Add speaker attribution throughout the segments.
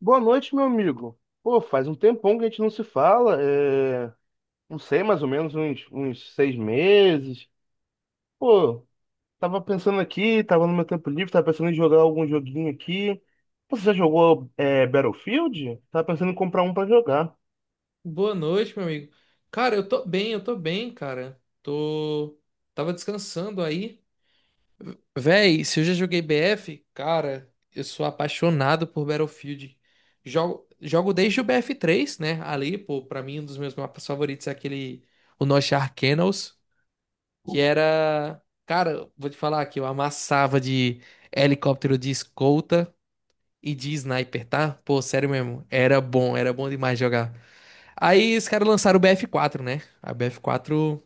Speaker 1: Boa noite, meu amigo. Pô, faz um tempão que a gente não se fala. Não sei, mais ou menos uns 6 meses. Pô, tava pensando aqui, tava no meu tempo livre, tava pensando em jogar algum joguinho aqui. Você já jogou Battlefield? Tava pensando em comprar um pra jogar.
Speaker 2: Boa noite, meu amigo. Cara, eu tô bem, cara. Tô. Tava descansando aí. Véi, se eu já joguei BF, cara, eu sou apaixonado por Battlefield. Jogo desde o BF3, né? Ali, pô, pra mim, um dos meus mapas favoritos é aquele. O Nosh Arcanos, que era. Cara, vou te falar que eu amassava de helicóptero de escolta e de sniper, tá? Pô, sério mesmo. Era bom demais jogar. Aí os caras lançaram o BF4, né? A BF4,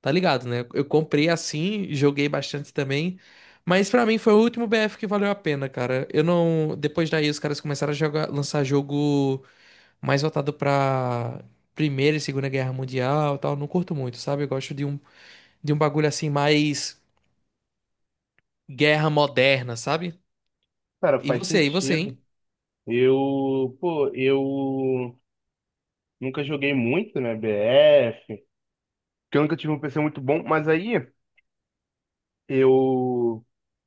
Speaker 2: tá ligado, né? Eu comprei assim, joguei bastante também. Mas pra mim foi o último BF que valeu a pena, cara. Eu não. Depois daí os caras começaram a jogar, lançar jogo mais voltado pra Primeira e Segunda Guerra Mundial e tal. Não curto muito, sabe? Eu gosto de um, bagulho assim mais guerra moderna, sabe?
Speaker 1: Cara,
Speaker 2: E
Speaker 1: faz
Speaker 2: você, e você,
Speaker 1: sentido.
Speaker 2: hein?
Speaker 1: Eu nunca joguei muito, né, BF, porque eu nunca tive um PC muito bom, mas aí eu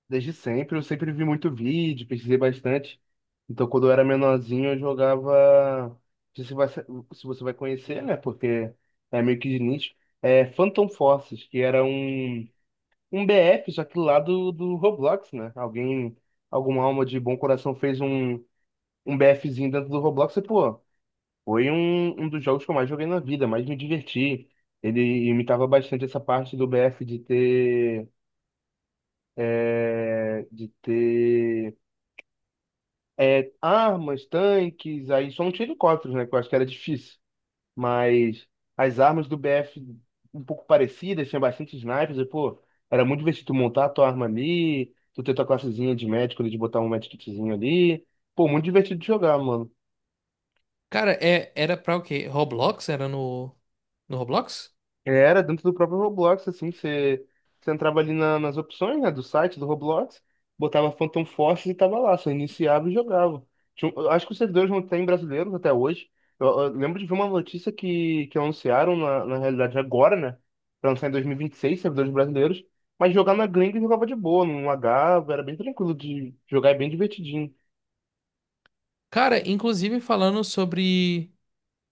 Speaker 1: desde sempre, eu sempre vi muito vídeo, pesquisei bastante. Então, quando eu era menorzinho, eu jogava. Não sei se você vai conhecer, né? Porque é meio que de nicho. É Phantom Forces, que era um BF, só que lá do Roblox, né? Alguém, alguma alma de bom coração fez um BFzinho dentro do Roblox e, pô, foi um dos jogos que eu mais joguei na vida, mais me diverti. Ele imitava bastante essa parte do BF de ter armas, tanques, aí só não tinha helicópteros, né? Que eu acho que era difícil. Mas as armas do BF um pouco parecidas, tinha bastante snipers, e pô, era muito divertido tu montar a tua arma ali, tu ter tua classezinha de médico ali, de botar um medkitzinho ali. Pô, muito divertido de jogar, mano.
Speaker 2: Cara, era pra o quê? Roblox? Era no Roblox?
Speaker 1: Era dentro do próprio Roblox, assim, você entrava ali na- nas opções, né, do site do Roblox, botava Phantom Force e tava lá, você iniciava e jogava. Tinha um- eu acho que os servidores não têm brasileiros até hoje. Eu lembro de ver uma notícia que anunciaram, na realidade, agora, né, pra lançar em 2026, servidores brasileiros, mas jogar na gringa jogava de boa, não lagava, era bem tranquilo de jogar, é bem divertidinho.
Speaker 2: Cara, inclusive falando sobre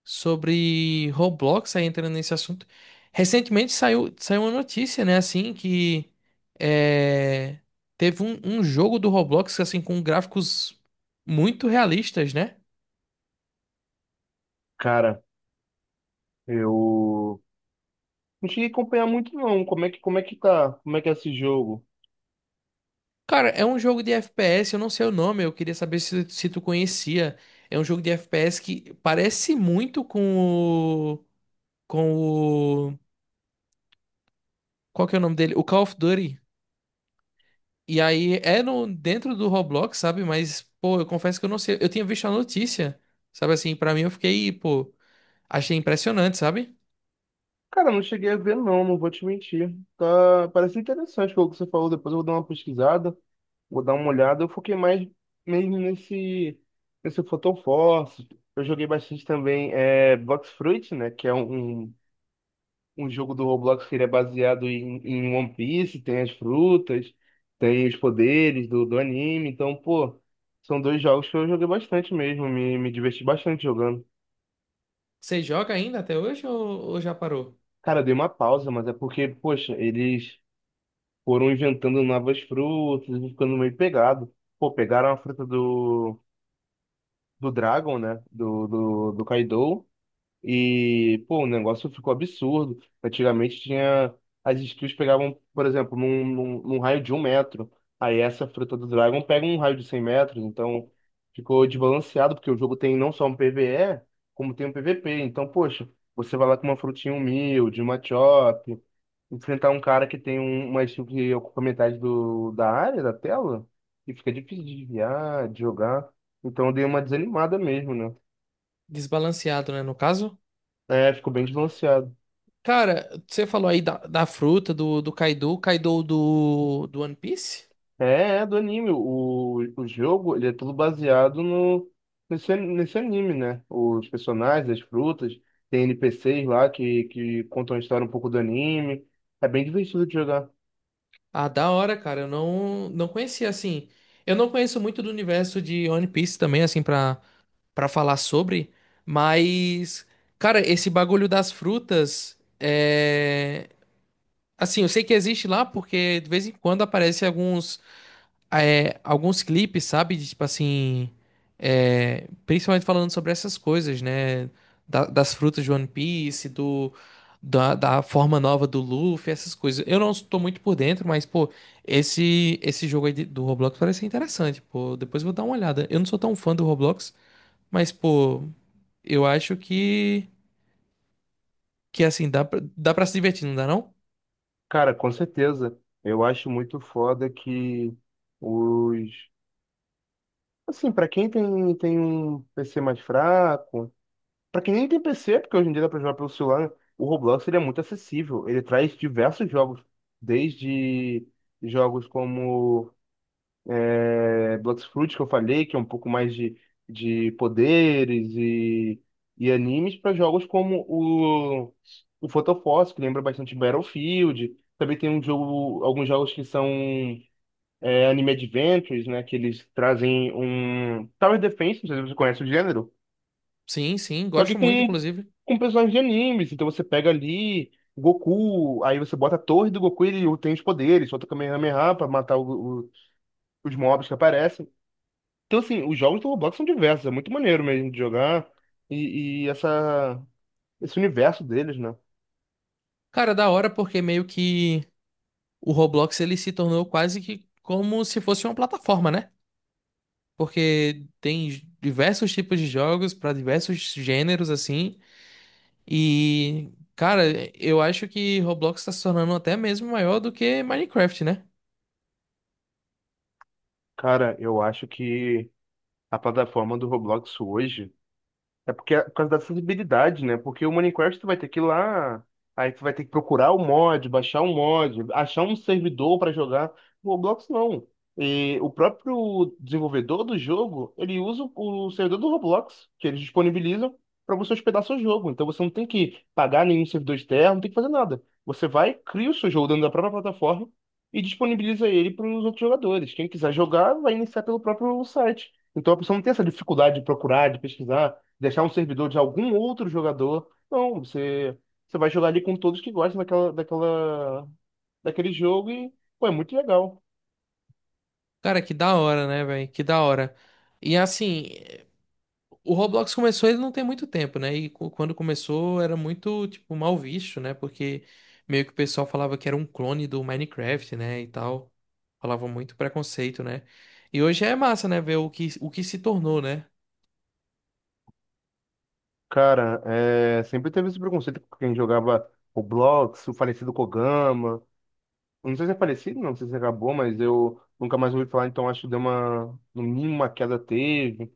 Speaker 2: sobre Roblox, aí entrando nesse assunto. Recentemente saiu uma notícia, né, assim, que é, teve um jogo do Roblox, assim, com gráficos muito realistas, né?
Speaker 1: Cara, eu não cheguei a acompanhar muito, não, como é que tá, como é que é esse jogo.
Speaker 2: Cara, é um jogo de FPS, eu não sei o nome, eu queria saber se tu conhecia. É um jogo de FPS que parece muito o... com o... qual que é o nome dele? O Call of Duty. E aí é no, dentro do Roblox, sabe? Mas, pô, eu confesso que eu não sei. Eu tinha visto a notícia, sabe assim? Pra mim eu fiquei, pô, achei impressionante, sabe?
Speaker 1: Cara, eu não cheguei a ver, não, não vou te mentir. Tá, parece interessante o que você falou. Depois eu vou dar uma pesquisada, vou dar uma olhada. Eu foquei mais mesmo nesse Photon Force. Eu joguei bastante também Blox Fruit, né? Que é um um jogo do Roblox que ele é baseado em One Piece. Tem as frutas, tem os poderes do anime. Então, pô, são dois jogos que eu joguei bastante mesmo. Me diverti bastante jogando.
Speaker 2: Você joga ainda até hoje ou já parou?
Speaker 1: Cara, eu dei uma pausa, mas é porque, poxa, eles foram inventando novas frutas e ficando meio pegado. Pô, pegaram a fruta do Dragon, né? Do Kaido. E, pô, o negócio ficou absurdo. Antigamente tinha. As skills pegavam, por exemplo, num raio de 1 metro. Aí essa fruta do Dragon pega um raio de 100 metros. Então ficou desbalanceado, porque o jogo tem não só um PvE, como tem um PvP. Então, poxa, você vai lá com uma frutinha humilde, uma chop enfrentar um cara que tem um, umas chutes que ocupa metade da área, da tela, e fica difícil de desviar, de jogar. Então eu dei uma desanimada mesmo, né?
Speaker 2: Desbalanceado, né? No caso.
Speaker 1: É, ficou bem desbalanceado.
Speaker 2: Cara, você falou aí da, fruta, do Kaido, Kaido do One Piece?
Speaker 1: É, é do anime. O jogo, ele é tudo baseado no, nesse, nesse anime, né? Os personagens, as frutas, tem NPCs lá que contam a história um pouco do anime. É bem divertido de jogar.
Speaker 2: Ah, da hora, cara. Eu não conhecia, assim. Eu não conheço muito do universo de One Piece também, assim, pra. Para falar sobre, mas, cara, esse bagulho das frutas é. Assim, eu sei que existe lá porque de vez em quando aparecem alguns clipes, sabe? De, tipo assim. Principalmente falando sobre essas coisas, né? Das frutas de One Piece, da forma nova do Luffy, essas coisas. Eu não estou muito por dentro, mas, pô, esse jogo aí do Roblox parece ser interessante, pô. Depois eu vou dar uma olhada. Eu não sou tão fã do Roblox, mas, pô. Eu acho que assim dá para se divertir, não dá não?
Speaker 1: Cara, com certeza. Eu acho muito foda que os, assim, pra quem tem um PC mais fraco, pra quem nem tem PC, porque hoje em dia dá pra jogar pelo celular, o Roblox ele é muito acessível. Ele traz diversos jogos, desde jogos como Blox Fruit, que eu falei, que é um pouco mais de poderes e animes, para jogos como o Photophos, que lembra bastante Battlefield. Também tem um jogo, alguns jogos que são Anime Adventures, né? Que eles trazem um Tower Defense, não sei se você conhece o gênero,
Speaker 2: Sim, sim,
Speaker 1: só que
Speaker 2: gosto muito, inclusive.
Speaker 1: com personagens de animes. Então você pega ali Goku, aí você bota a torre do Goku e ele tem os poderes, solta o Kamehameha pra matar os mobs que aparecem. Então, assim, os jogos do Roblox são diversos, é muito maneiro mesmo de jogar. E, esse universo deles, né?
Speaker 2: Cara, da hora porque meio que o Roblox ele se tornou quase que como se fosse uma plataforma, né? Porque tem diversos tipos de jogos pra diversos gêneros assim. E cara, eu acho que Roblox tá se tornando até mesmo maior do que Minecraft, né?
Speaker 1: Cara, eu acho que a plataforma do Roblox hoje, é porque é por causa da acessibilidade, né? Porque o Minecraft tu vai ter que ir lá, aí tu vai ter que procurar o mod, baixar um mod, achar um servidor para jogar. O Roblox não. E o próprio desenvolvedor do jogo, ele usa o servidor do Roblox, que eles disponibilizam para você hospedar seu jogo. Então você não tem que pagar nenhum servidor externo, não tem que fazer nada. Você vai, cria o seu jogo dentro da própria plataforma e disponibiliza ele para os outros jogadores. Quem quiser jogar, vai iniciar pelo próprio site. Então a pessoa não tem essa dificuldade de procurar, de pesquisar, deixar um servidor de algum outro jogador. Não, você vai jogar ali com todos que gostam daquele jogo e, pô, é muito legal.
Speaker 2: Cara, que da hora, né, velho? Que da hora. E assim, o Roblox começou, ele não tem muito tempo, né? E quando começou era muito, tipo, mal visto, né? Porque meio que o pessoal falava que era um clone do Minecraft, né? E tal. Falava muito preconceito, né? E hoje é massa, né? Ver o que se tornou, né?
Speaker 1: Cara, é, sempre teve esse preconceito com quem jogava Roblox, o falecido Kogama. Eu não sei se é falecido, não sei se acabou, mas eu nunca mais ouvi falar, então acho que deu uma, no mínimo uma queda teve.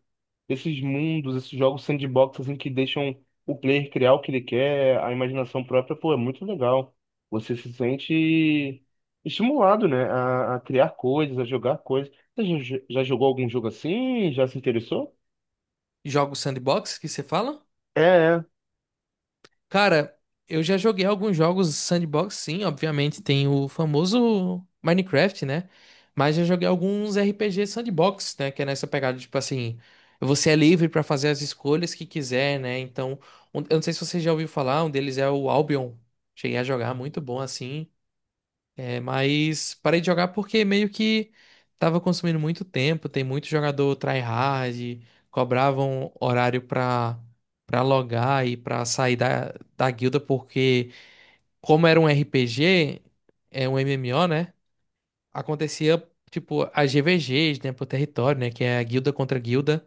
Speaker 1: Esses mundos, esses jogos sandbox assim que deixam o player criar o que ele quer, a imaginação própria, pô, é muito legal. Você se sente estimulado, né, a criar coisas, a jogar coisas. Você já jogou algum jogo assim? Já se interessou?
Speaker 2: Jogos sandbox que você fala?
Speaker 1: É, é,
Speaker 2: Cara, eu já joguei alguns jogos sandbox, sim, obviamente tem o famoso Minecraft, né? Mas já joguei alguns RPG sandbox, né? Que é nessa pegada, tipo assim, você é livre pra fazer as escolhas que quiser, né? Então, eu não sei se você já ouviu falar, um deles é o Albion. Cheguei a jogar, muito bom, assim. É, mas parei de jogar porque meio que tava consumindo muito tempo. Tem muito jogador tryhard, cobravam horário pra, logar e pra sair da guilda, porque como era um RPG, é um MMO, né? Acontecia tipo as GVGs, né, por território, né, que é a guilda contra guilda.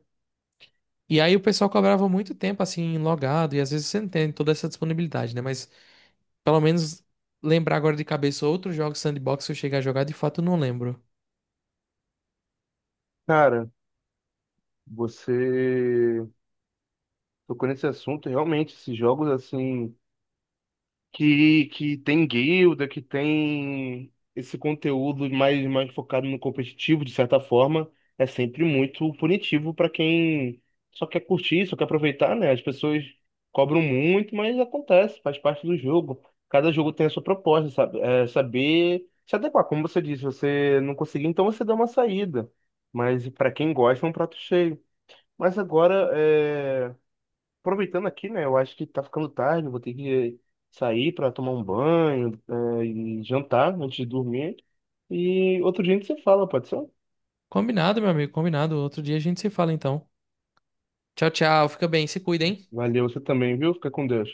Speaker 2: E aí o pessoal cobrava muito tempo assim logado e às vezes você não tem toda essa disponibilidade, né? Mas pelo menos lembrar agora de cabeça outros jogos sandbox que eu cheguei a jogar, de fato eu não lembro.
Speaker 1: cara, você tocou nesse assunto, realmente, esses jogos assim que tem guilda, que tem esse conteúdo mais, mais focado no competitivo, de certa forma, é sempre muito punitivo para quem só quer curtir, só quer aproveitar, né? As pessoas cobram muito, mas acontece, faz parte do jogo. Cada jogo tem a sua proposta, sabe? É saber se adequar. Como você disse, você não conseguiu, então você dá uma saída. Mas para quem gosta, é um prato cheio. Mas agora, aproveitando aqui, né? Eu acho que tá ficando tarde, vou ter que eh, sair para tomar um banho, e jantar antes de dormir. E outro dia a gente se fala, pode ser?
Speaker 2: Combinado, meu amigo, combinado. Outro dia a gente se fala então. Tchau, tchau. Fica bem, se cuida, hein?
Speaker 1: Valeu, você também, viu? Fica com Deus.